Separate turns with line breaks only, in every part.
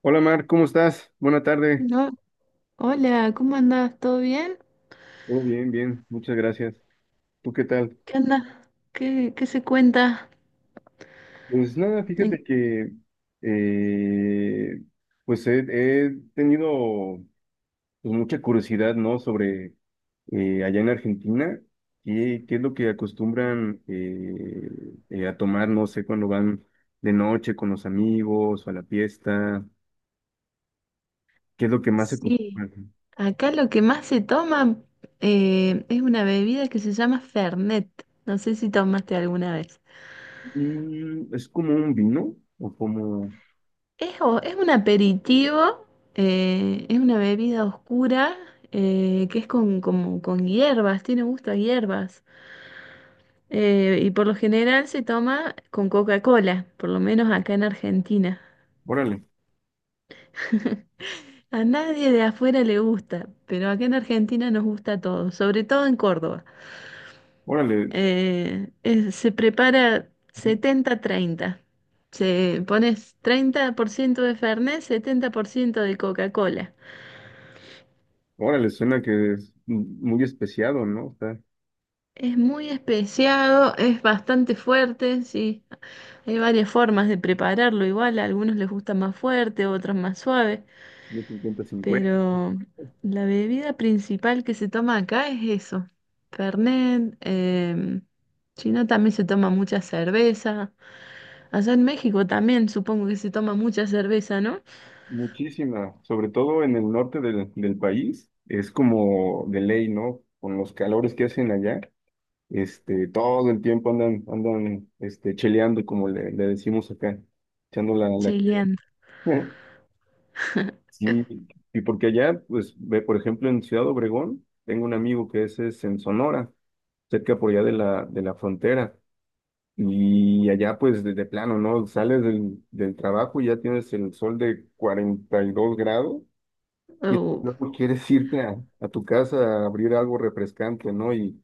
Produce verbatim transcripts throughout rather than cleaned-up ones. Hola Mar, ¿cómo estás? Buena tarde.
No, hola, ¿cómo andás? ¿Todo bien?
Todo bien, bien, muchas gracias. ¿Tú qué tal?
¿Qué andas? ¿Qué, qué se cuenta?
Pues nada,
Eh,
fíjate que eh, pues he, he tenido pues, mucha curiosidad, ¿no? Sobre eh, allá en Argentina, ¿qué, qué es lo que acostumbran eh, eh, a tomar, no sé, cuando van de noche con los amigos o a la fiesta? ¿Qué es lo que más se
Sí,
acostumbra?
acá lo que más se toma eh, es una bebida que se llama Fernet. No sé si tomaste alguna vez.
Mm, ¿es como un vino? ¿O como...
Es, o- es un aperitivo, eh, es una bebida oscura eh, que es con, como, con hierbas, tiene gusto a hierbas. Eh, y por lo general se toma con Coca-Cola, por lo menos acá en Argentina.
Órale,
A nadie de afuera le gusta, pero acá en Argentina nos gusta todo, sobre todo en Córdoba.
órale.
Eh, es- se prepara setenta treinta. Se pones treinta por ciento de Fernet, setenta por ciento de Coca-Cola.
Órale, suena que es muy especiado, ¿no? Está
Es muy especiado, es bastante fuerte, sí. Hay varias formas de prepararlo igual, a algunos les gusta más fuerte, otros más suave.
muy cincuenta a cincuenta.
Pero la bebida principal que se toma acá es eso, Fernet. Em, si no, también se toma mucha cerveza. Allá en México también supongo que se toma mucha cerveza, ¿no?
Muchísima, sobre todo en el norte del, del país, es como de ley, ¿no? Con los calores que hacen allá, este, todo el tiempo andan, andan, este, cheleando, como le, le decimos acá, echando la, la...
Chilean.
Sí, y porque allá, pues, ve, por ejemplo, en Ciudad Obregón, tengo un amigo que ese es en Sonora, cerca por allá de la, de la frontera. Y allá pues de, de plano, ¿no? Sales del, del trabajo y ya tienes el sol de cuarenta y dos grados y
Oh,
luego quieres irte a, a tu casa a abrir algo refrescante, ¿no? Y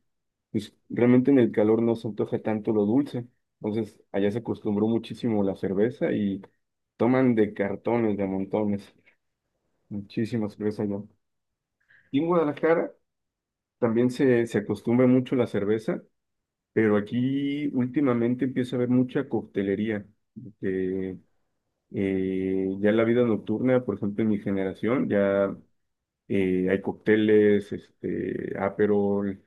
pues realmente en el calor no se antoja tanto lo dulce. Entonces allá se acostumbró muchísimo la cerveza y toman de cartones, de montones, muchísima cerveza allá. Y en Guadalajara también se, se acostumbra mucho la cerveza, pero aquí últimamente empieza a haber mucha coctelería. Eh, ya en la vida nocturna, por ejemplo, en mi generación, ya eh, hay cócteles, este, Aperol,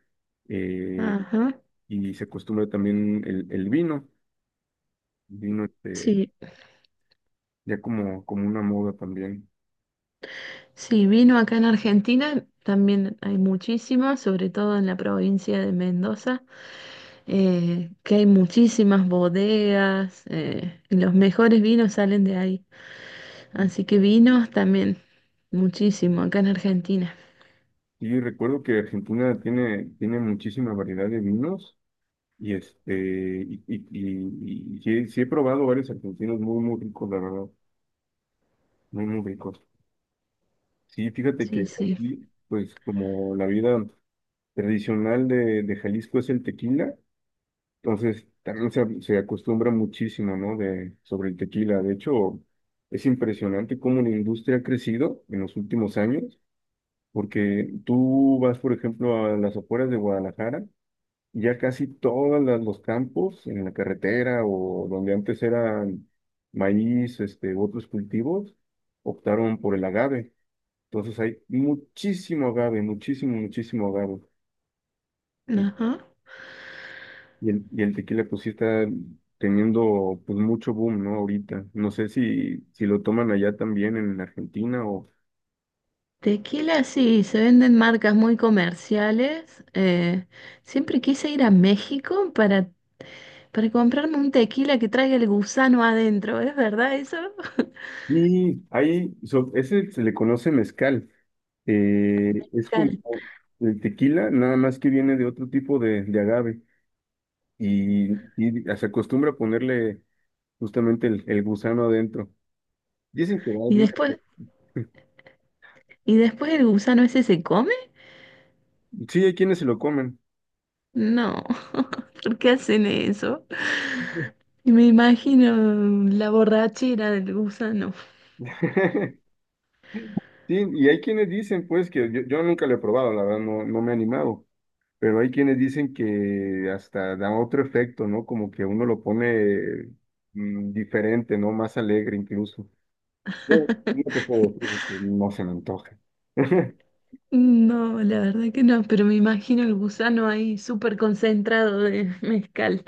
eh,
ajá.
y se acostumbra también el, el vino, el vino este,
Sí,
ya como, como una moda también.
sí, vino acá en Argentina, también hay muchísimo, sobre todo en la provincia de Mendoza, eh, que hay muchísimas bodegas, eh, y los mejores vinos salen de ahí. Así que vinos también, muchísimo, acá en Argentina.
Y recuerdo que Argentina tiene, tiene muchísima variedad de vinos, y este, y, y, y- y sí, he sí he probado varios argentinos muy, muy ricos, la verdad, muy, muy ricos. Sí, fíjate que
Sí, sí.
aquí, pues como la vida tradicional de, de Jalisco es el tequila, entonces también se, se acostumbra muchísimo, ¿no? De, sobre el tequila. De hecho, es impresionante cómo la industria ha crecido en los últimos años, porque tú vas, por ejemplo, a las afueras de Guadalajara, y ya casi todos los campos en la carretera o donde antes eran maíz, este, u otros cultivos, optaron por el agave. Entonces hay muchísimo agave, muchísimo, muchísimo agave.
Ajá.
Y el, y el tequila pues sí está teniendo pues mucho boom, ¿no? Ahorita. No sé si, si lo toman allá también en Argentina o...
Tequila, sí, se venden marcas muy comerciales. Eh, siempre quise ir a México para, para comprarme un tequila que traiga el gusano adentro, ¿es verdad eso?
Y ahí, so- ese se le conoce mezcal. Eh, es como
Cal-
el tequila, nada más que viene de otro tipo de, de agave. Y, y se acostumbra a ponerle justamente el, el gusano adentro. Dicen que da
Y
algún
después,
efecto.
¿y después el gusano ese se come?
Sí, hay quienes se lo comen.
No, ¿por qué hacen eso? Y me imagino la borrachera del gusano.
Sí, y hay quienes dicen, pues, que yo, yo nunca lo he probado, la verdad, no no me he animado. Pero hay quienes dicen que hasta da otro efecto, ¿no? Como que uno lo pone mm, diferente, ¿no? Más alegre incluso. Yo no te puedo decir porque no se me antoja.
No, la verdad que no, pero me imagino el gusano ahí súper concentrado de mezcal.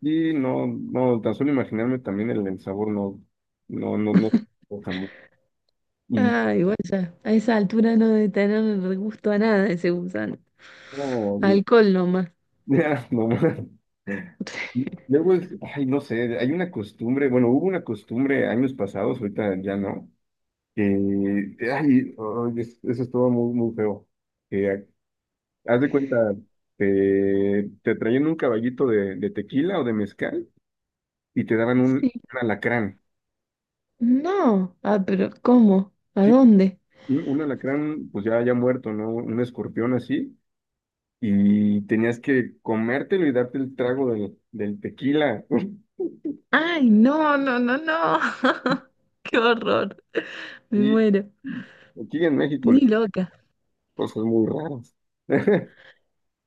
Y no, no, tan solo imaginarme también el, el sabor no, no, no, no antoja mucho. Y
Ah, igual ya, a esa altura no debe tener gusto a nada ese gusano.
no, y-
Alcohol nomás.
no más. Luego es, ay, no sé, hay una costumbre, bueno, hubo una costumbre años pasados, ahorita ya no, que, ay, ay, es- eso estuvo muy, muy feo. Haz de cuenta, te, te traían un caballito de, de tequila o de mezcal y te daban un,
Sí.
un alacrán.
No, ah, pero ¿cómo? ¿A
Sí,
dónde?
un, un alacrán, pues ya, ya muerto, ¿no? Un escorpión así. Y tenías que comértelo y darte el trago del, del tequila.
Ay, no, no, no, no. Qué horror. Me
Y
muero.
aquí en México,
Ni
le-
loca.
cosas muy raras.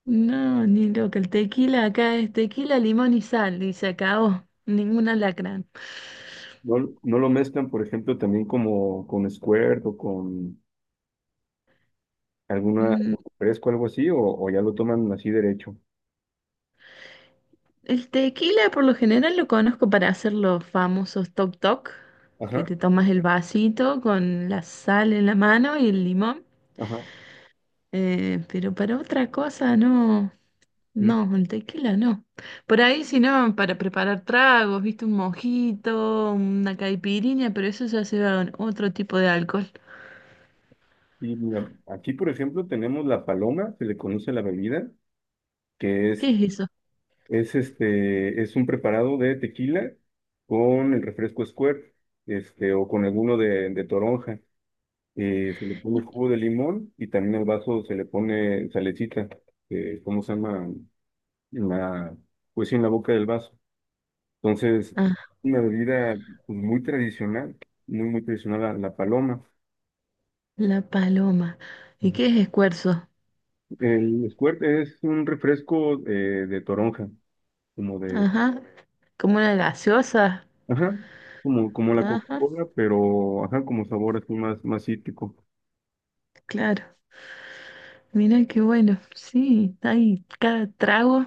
No, ni loca. El tequila acá es tequila, limón y sal, y se acabó. Ningún alacrán.
No, no lo mezclan, por ejemplo, también como con Squirt o con alguna, algo fresco, algo así, o, o ya lo toman así derecho.
El tequila por lo general lo conozco para hacer los famosos toc toc,
Ajá,
que te tomas el vasito con la sal en la mano y el limón,
ajá.
eh, pero para otra cosa no, no, el tequila no. Por ahí si no, para preparar tragos, viste, un mojito, una caipirinha, pero eso ya se va con otro tipo de alcohol.
Y mira, aquí, por ejemplo, tenemos la paloma, se le conoce la bebida, que
¿Qué
es,
es eso?
es este, es un preparado de tequila con el refresco Squirt, este, o con alguno de, de toronja. Eh, se le pone jugo de limón y también al vaso se le pone salecita, eh, ¿cómo se llama? La, pues sí, en la boca del vaso. Entonces,
Ah,
una bebida pues, muy tradicional, muy, muy tradicional la, la paloma.
la paloma. ¿Y
Ujú.
qué es escuerzo?
El Squirt es un refresco eh, de toronja. Como de,
Ajá, como una gaseosa.
ajá, como, como la
Ajá,
Coca-Cola, pero, ajá, como sabor así más, más cítrico.
claro. Mira qué bueno, sí, hay cada trago,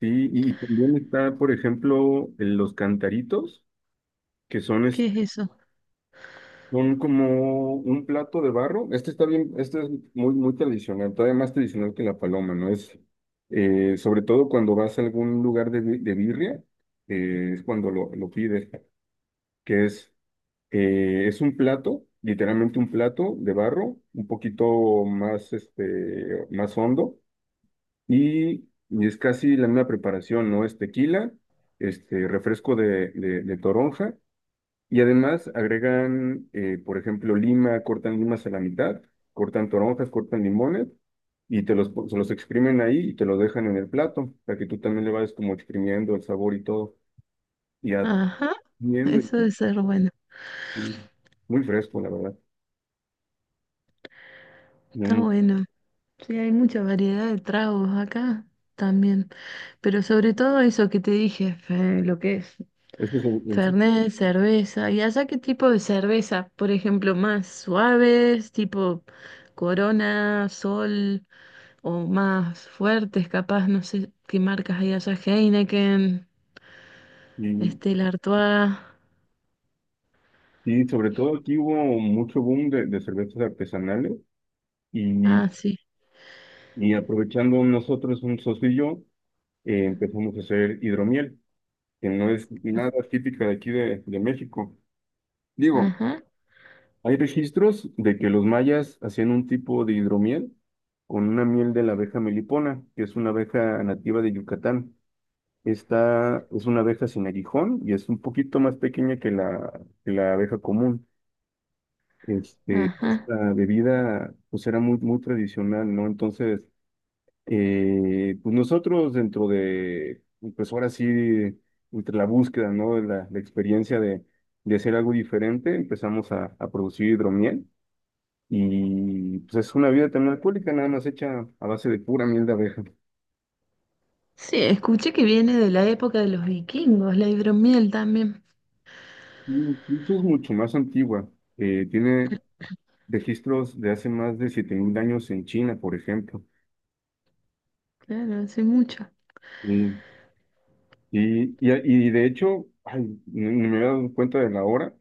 Sí, y también está, por ejemplo, el- los cantaritos, que son,
¿qué
es-
es eso?
son como un plato de barro. Este está bien, este es muy, muy tradicional, todavía más tradicional que la paloma, ¿no? Es, eh, sobre todo cuando vas a algún lugar de, bi- de birria, eh, es cuando lo, lo pides, que es. Eh, es un plato, literalmente un plato de barro, un poquito más, este, más hondo y, y es casi la misma preparación, ¿no? Es tequila, este, refresco de, de, de toronja y además agregan, eh, por ejemplo, lima, cortan limas a la mitad, cortan toronjas, cortan limones y te los, pon- se los exprimen ahí y te los dejan en el plato para que tú también le vayas como exprimiendo el sabor y todo y
Ajá,
atendiendo
eso debe
y,
ser bueno,
y muy fresco, la verdad.
está bueno. Sí, hay mucha variedad de tragos acá también, pero sobre todo eso que te dije, fe- lo que es
Es que so- es-
Fernet, cerveza, ¿y allá qué tipo de cerveza? Por ejemplo, más suaves, tipo Corona, Sol, o más fuertes, capaz, no sé qué marcas hay allá, Heineken,
y,
Stella Artois,
y sobre todo aquí hubo mucho boom de, de cervezas artesanales y,
ah, sí.
y aprovechando nosotros un socio y yo, eh, empezamos a hacer hidromiel, que no es nada típica de aquí de, de México. Digo,
Ajá,
hay registros de que los mayas hacían un tipo de hidromiel con una miel de la abeja melipona, que es una abeja nativa de Yucatán. Esta es una abeja sin aguijón y es un poquito más pequeña que la, que la abeja común. Este,
ajá.
esta bebida pues era muy, muy tradicional, ¿no? Entonces, eh, pues nosotros dentro de, pues ahora sí, entre la búsqueda, ¿no? De La, la experiencia de, de hacer algo diferente, empezamos a, a producir hidromiel y pues es una bebida también alcohólica, nada más hecha a base de pura miel de abeja.
Sí, escuché que viene de la época de los vikingos, la hidromiel también.
Mm, esto es mucho más antigua, eh, tiene registros de hace más de siete mil años en China, por ejemplo.
Claro, hace mucho.
Mm. Y, y, y de hecho, ay, ni ni me había dado cuenta de la hora.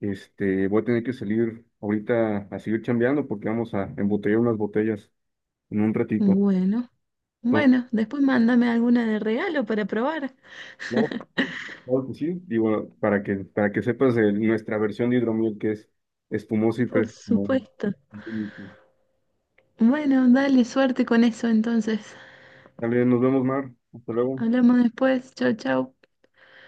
Este, voy a tener que salir ahorita a seguir chambeando porque vamos a embotellar unas botellas en un ratito.
Bueno,
Entonces,
bueno, después mándame alguna de regalo para probar.
claro, claro que sí. Digo, para que, para que sepas de nuestra versión de hidromiel que es espumosa y
Por
fresca. Como...
supuesto. Bueno, dale suerte con eso entonces.
Dale, nos vemos, Mar. Hasta luego.
Hablamos después. Chau, chau.